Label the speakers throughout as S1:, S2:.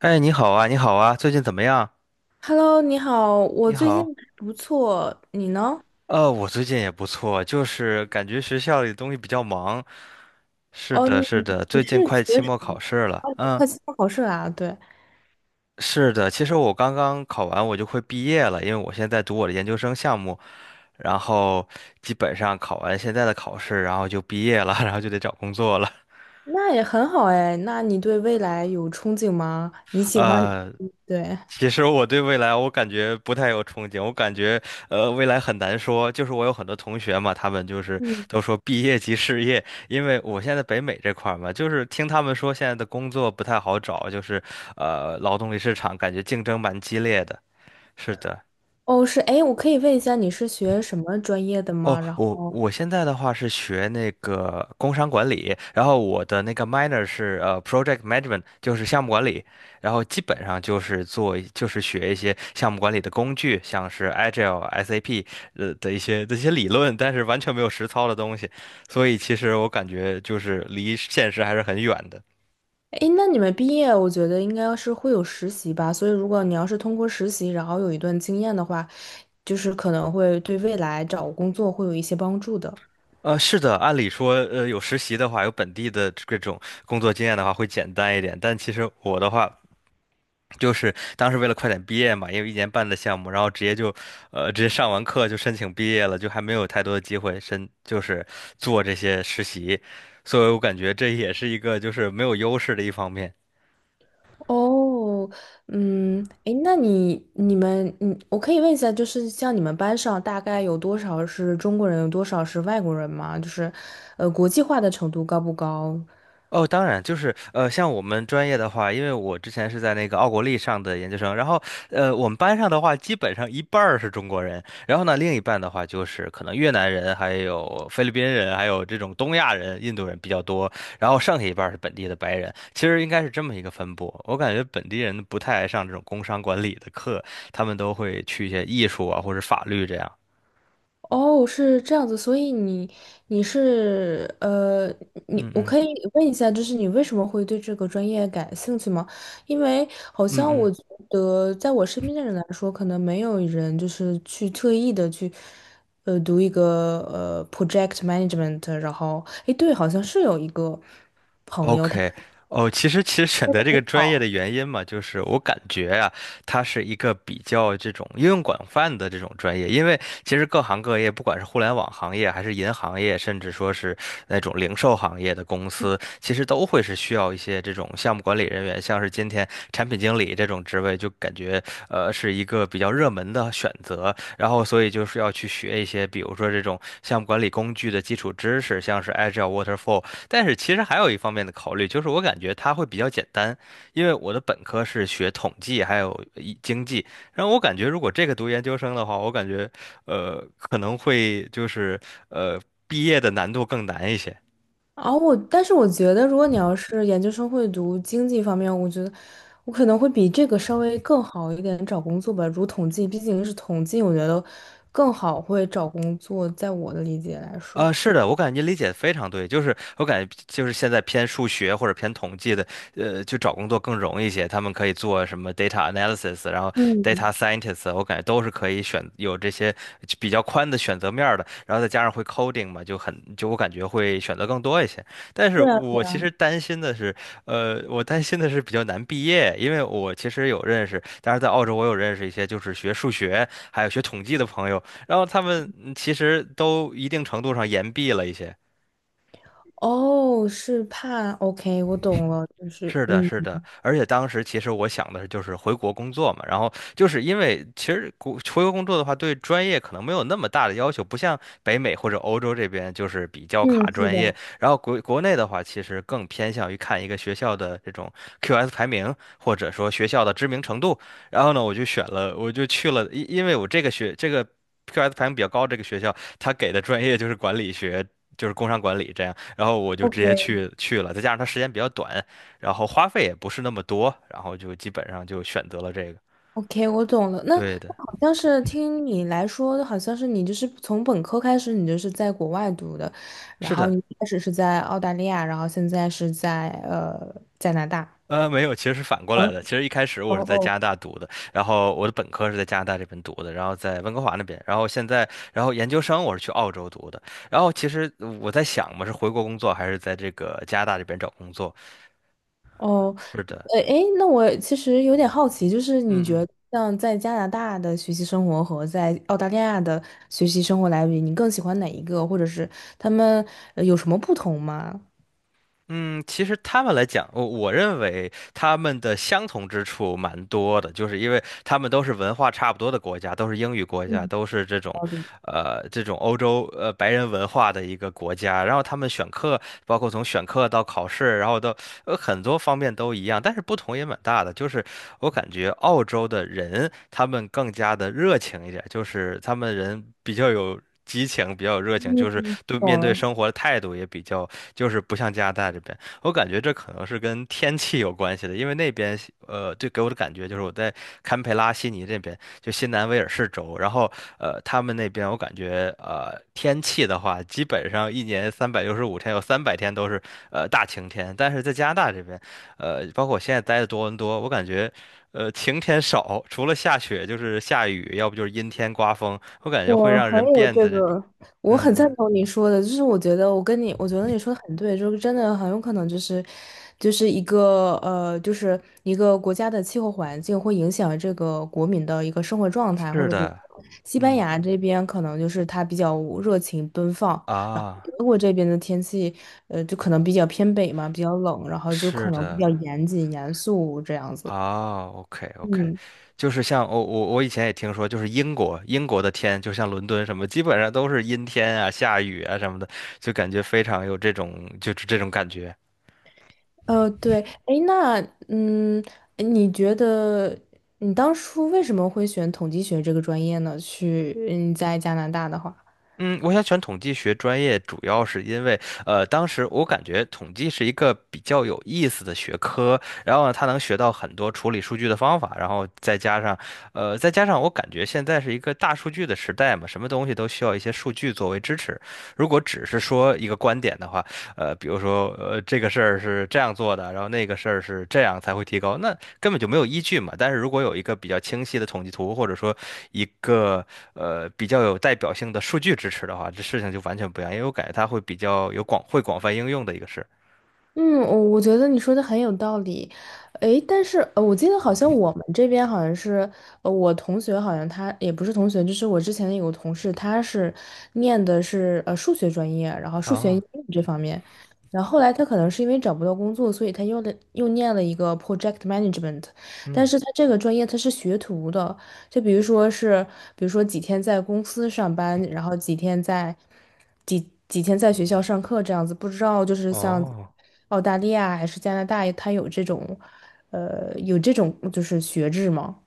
S1: 哎，你好啊，你好啊，最近怎么样？
S2: Hello,你好，我
S1: 你
S2: 最近
S1: 好。
S2: 还不错，你呢？
S1: 我最近也不错，就是感觉学校里东西比较忙。是
S2: 哦，你
S1: 的，是的，
S2: 你
S1: 最近
S2: 是
S1: 快
S2: 学
S1: 期
S2: 什
S1: 末
S2: 么？
S1: 考试了。
S2: 哦，你
S1: 嗯，
S2: 快期末考试啦，对，
S1: 是的，其实我刚刚考完，我就快毕业了，因为我现在读我的研究生项目，然后基本上考完现在的考试，然后就毕业了，然后就得找工作了。
S2: 那也很好哎。那你对未来有憧憬吗？你喜欢？
S1: 呃，
S2: 嗯对，
S1: 其实我对未来我感觉不太有憧憬，我感觉未来很难说。就是我有很多同学嘛，他们就是
S2: 嗯，
S1: 都说毕业即失业，因为我现在北美这块儿嘛，就是听他们说现在的工作不太好找，就是劳动力市场感觉竞争蛮激烈的。是的。
S2: 哦，是，哎，我可以问一下你是学什么专业的
S1: 哦，
S2: 吗？然
S1: 我
S2: 后，
S1: 我现在的话是学那个工商管理，然后我的那个 minor 是project management，就是项目管理，然后基本上就是做就是学一些项目管理的工具，像是 Agile、SAP 的一些这些理论，但是完全没有实操的东西，所以其实我感觉就是离现实还是很远的。
S2: 哎，那你们毕业，我觉得应该是会有实习吧。所以，如果你要是通过实习，然后有一段经验的话，就是可能会对未来找工作会有一些帮助的。
S1: 是的，按理说，有实习的话，有本地的这种工作经验的话，会简单一点。但其实我的话，就是当时为了快点毕业嘛，因为一年半的项目，然后直接就，直接上完课就申请毕业了，就还没有太多的机会申，就是做这些实习，所以我感觉这也是一个就是没有优势的一方面。
S2: 哦，嗯，诶，那你们，嗯，我可以问一下，就是像你们班上大概有多少是中国人，有多少是外国人吗？就是，国际化的程度高不高？
S1: 哦，当然，就是像我们专业的话，因为我之前是在那个奥国立上的研究生，然后我们班上的话，基本上一半儿是中国人，然后呢，另一半的话就是可能越南人、还有菲律宾人、还有这种东亚人、印度人比较多，然后剩下一半儿是本地的白人，其实应该是这么一个分布。我感觉本地人不太爱上这种工商管理的课，他们都会去一些艺术啊或者法律这样。
S2: 哦，是这样子，所以你你是你
S1: 嗯
S2: 我
S1: 嗯
S2: 可以问一下，就是你为什么会对这个专业感兴趣吗？因为好
S1: 嗯
S2: 像
S1: 嗯。
S2: 我觉得，在我身边的人来说，可能没有人就是去特意的去读一个project management,然后诶，对，好像是有一个朋友。他。
S1: OK，哦，其实选择这个专业的原因嘛，就是我感觉啊，它是一个比较这种应用广泛的这种专业，因为其实各行各业，不管是互联网行业，还是银行业，甚至说是那种零售行业的公司，其实都会是需要一些这种项目管理人员，像是今天产品经理这种职位，就感觉是一个比较热门的选择。然后所以就是要去学一些，比如说这种项目管理工具的基础知识，像是 Agile、Waterfall。但是其实还有一方面的考虑，就是我感觉它会比较简单，因为我的本科是学统计还有一经济，然后我感觉如果这个读研究生的话，我感觉可能会就是呃毕业的难度更难一些。
S2: 啊，我但是我觉得，如果你要是研究生会读经济方面，我觉得我可能会比这个稍微更好一点找工作吧。如统计，毕竟是统计，我觉得更好会找工作，在我的理解来说。
S1: 是的，我感觉您理解的非常对，就是我感觉就是现在偏数学或者偏统计的，就找工作更容易一些，他们可以做什么 data analysis，然后
S2: 嗯，
S1: data scientist，我感觉都是可以选有这些比较宽的选择面儿的，然后再加上会 coding 嘛，就我感觉会选择更多一些。但是
S2: 对啊
S1: 我其实担心的是，我担心的是比较难毕业，因为我其实有认识，当然在澳洲我有认识一些就是学数学还有学统计的朋友，然后他们其实都一定程度上言毕了一些。
S2: 哦，是怕，OK,我懂了，就是，
S1: 是的，
S2: 嗯
S1: 是的，而且当时其实我想的是就是回国工作嘛，然后就是因为其实回国工作的话，对专业可能没有那么大的要求，不像北美或者欧洲这边就是比较卡
S2: 嗯，是
S1: 专业，
S2: 的
S1: 然后国内的话，其实更偏向于看一个学校的这种 QS 排名，或者说学校的知名程度，然后呢，我就选了，我就去了，因为我这个学这个 QS 排名比较高这个学校，它给的专业就是管理学。就是工商管理这样，然后我就直接
S2: ，OK。
S1: 去了，再加上它时间比较短，然后花费也不是那么多，然后就基本上就选择了这个。
S2: OK,我懂了。那
S1: 对的，
S2: 那好像是听你来说，好像是你就是从本科开始，你就是在国外读的，然
S1: 是
S2: 后你
S1: 的，
S2: 一开始是在澳大利亚，然后现在是在加拿大。
S1: 没有，其实是反过
S2: 嗯，
S1: 来的。其实一开始
S2: 哦
S1: 我是在加
S2: 哦。
S1: 拿大读的，然后我的本科是在加拿大这边读的，然后在温哥华那边，然后现在，然后研究生我是去澳洲读的。然后其实我在想嘛，是回国工作还是在这个加拿大这边找工作？
S2: 哦，
S1: 是的，
S2: 诶，那我其实有点好奇，就是你觉
S1: 嗯嗯。
S2: 得像在加拿大的学习生活和在澳大利亚的学习生活来比，你更喜欢哪一个，或者是他们有什么不同吗？
S1: 嗯，其实他们来讲，我认为他们的相同之处蛮多的，就是因为他们都是文化差不多的国家，都是英语国家，
S2: 嗯
S1: 都是这种，
S2: 好的
S1: 这种欧洲白人文化的一个国家。然后他们选课，包括从选课到考试，然后到很多方面都一样，但是不同也蛮大的。就是我感觉澳洲的人他们更加的热情一点，就是他们人比较有。激情比较有热情，
S2: 嗯，
S1: 就是对
S2: 懂
S1: 面对
S2: 了。
S1: 生活的态度也比较。就是不像加拿大这边，我感觉这可能是跟天气有关系的，因为那边对，给我的感觉就是我在堪培拉、悉尼这边，就新南威尔士州，然后，他们那边我感觉，天气的话，基本上一年365天，有300天都是，大晴天，但是在加拿大这边，包括我现在待的多伦多，我感觉。晴天少，除了下雪就是下雨，要不就是阴天刮风，我感觉会
S2: 我
S1: 让
S2: 很
S1: 人
S2: 有
S1: 变
S2: 这
S1: 得
S2: 个，我
S1: 嗯
S2: 很赞
S1: 嗯，
S2: 同你说的，就是我觉得我跟你，我觉得你说的很对，就是真的很有可能就是，就是一个就是一个国家的气候环境会影响这个国民的一个生活状态，或
S1: 是
S2: 者比如
S1: 的，
S2: 说西班
S1: 嗯
S2: 牙这边可能就是它比较热情奔放，然后
S1: 啊。
S2: 德国这边的天气，就可能比较偏北嘛，比较冷，然后就
S1: 是
S2: 可能比较
S1: 的，
S2: 严谨严肃这样子。
S1: 啊，OK OK，
S2: 嗯。
S1: 就是像我以前也听说，就是英国的天，就像伦敦什么，基本上都是阴天啊、下雨啊什么的，就感觉非常有这种感觉。
S2: 对，哎，那嗯，你觉得你当初为什么会选统计学这个专业呢？去嗯，在加拿大的话。
S1: 嗯，我想选统计学专业，主要是因为，当时我感觉统计是一个比较有意思的学科，然后呢，它能学到很多处理数据的方法，然后再加上我感觉现在是一个大数据的时代嘛，什么东西都需要一些数据作为支持。如果只是说一个观点的话，比如说这个事儿是这样做的，然后那个事儿是这样才会提高，那根本就没有依据嘛。但是如果有一个比较清晰的统计图，或者说一个比较有代表性的数据支持的话，这事情就完全不一样，因为我感觉它会比较有广会广泛应用的一个事。
S2: 嗯，我我觉得你说的很有道理，诶，但是我记得好像我们这边好像是，我同学好像他也不是同学，就是我之前有个同事，他是念的是数学专业，然后数学应
S1: 啊，
S2: 用这方面，然后后来他可能是因为找不到工作，所以他又的又念了一个 project management,但
S1: 嗯，
S2: 是他这个专业他是学徒的，就比如说是，比如说几天在公司上班，然后几天在。几天在学校上课这样子，不知道就是像
S1: 哦。
S2: 澳大利亚还是加拿大，它有这种，有这种就是学制吗？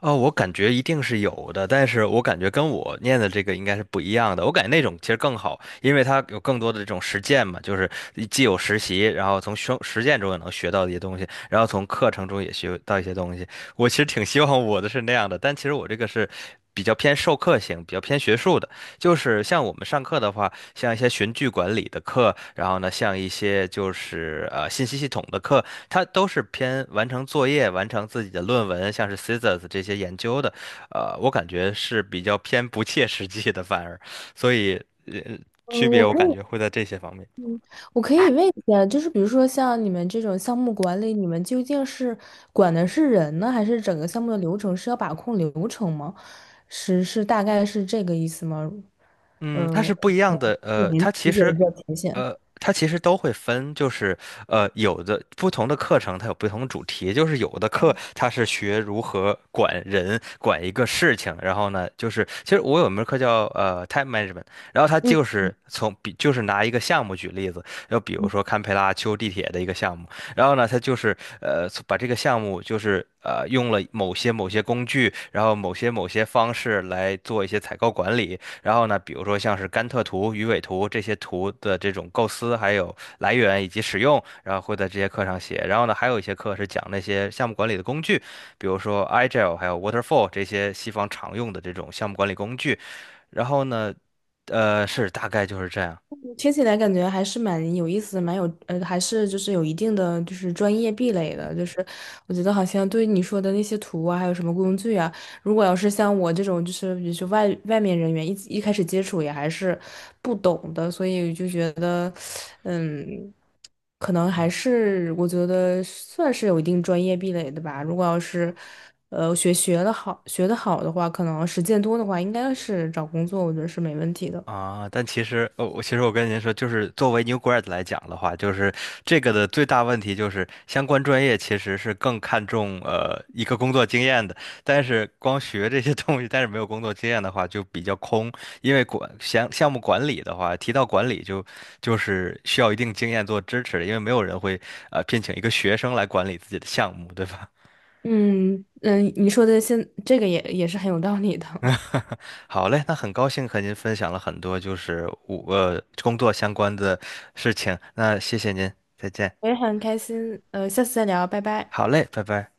S1: 哦，我感觉一定是有的，但是我感觉跟我念的这个应该是不一样的。我感觉那种其实更好，因为它有更多的这种实践嘛，就是既有实习，然后从实践中也能学到一些东西，然后从课程中也学到一些东西。我其实挺希望我的是那样的，但其实我这个是比较偏授课型，比较偏学术的。就是像我们上课的话，像一些循序管理的课，然后呢，像一些就是信息系统的课，它都是偏完成作业、完成自己的论文，像是 Scissors 这些研究的，我感觉是比较偏不切实际的，反而，所以呃区别
S2: 我
S1: 我
S2: 可
S1: 感
S2: 以，
S1: 觉会在这些方面。
S2: 嗯，我可以问一下，就是比如说像你们这种项目管理，你们究竟是管的是人呢，还是整个项目的流程是要把控流程吗？是是大概是这个意思吗？呃，
S1: 嗯，它是不一
S2: 呃，
S1: 样的。
S2: 我
S1: 呃，它
S2: 您
S1: 其
S2: 理解的
S1: 实，
S2: 比较浅显。
S1: 呃，它其实都会分，就是有的不同的课程它有不同的主题，就是有的课它是学如何管人、管一个事情，然后呢，就是其实我有一门课叫time management，然后它就
S2: 嗯
S1: 是就是拿一个项目举例子，就比如
S2: 嗯
S1: 说堪培拉修地铁的一个项目，然后呢，它就是把这个项目就是用了某些工具，然后某些方式来做一些采购管理。然后呢，比如说像是甘特图、鱼尾图这些图的这种构思，还有来源以及使用，然后会在这些课上写。然后呢，还有一些课是讲那些项目管理的工具，比如说 Agile 还有 Waterfall 这些西方常用的这种项目管理工具。然后呢，是大概就是这样。
S2: 听起来感觉还是蛮有意思，蛮有还是就是有一定的就是专业壁垒的，就是我觉得好像对于你说的那些图啊，还有什么工具啊，如果要是像我这种就是比如说外面人员一开始接触也还是不懂的，所以就觉得，嗯，可能
S1: 嗯
S2: 还是我觉得算是有一定专业壁垒的吧。如果要是学的好学的好的话，可能实践多的话，应该是找工作我觉得是没问题的。
S1: 但其实，我跟您说，就是作为 new grad 来讲的话，就是这个的最大问题就是相关专业其实是更看重一个工作经验的，但是光学这些 东西，但是没有工作经验的话就比较空，因为管项目管理的话，提到管理就是需要一定经验做支持的，因为没有人会聘请一个学生来管理自己的项目，对吧？
S2: 嗯嗯，你说的这个也也是很有道理的，
S1: 好嘞，那很高兴和您分享了很多就是工作相关的事情，那谢谢您，再见。
S2: 我也很开心，下次再聊，拜拜。
S1: 好嘞，拜拜。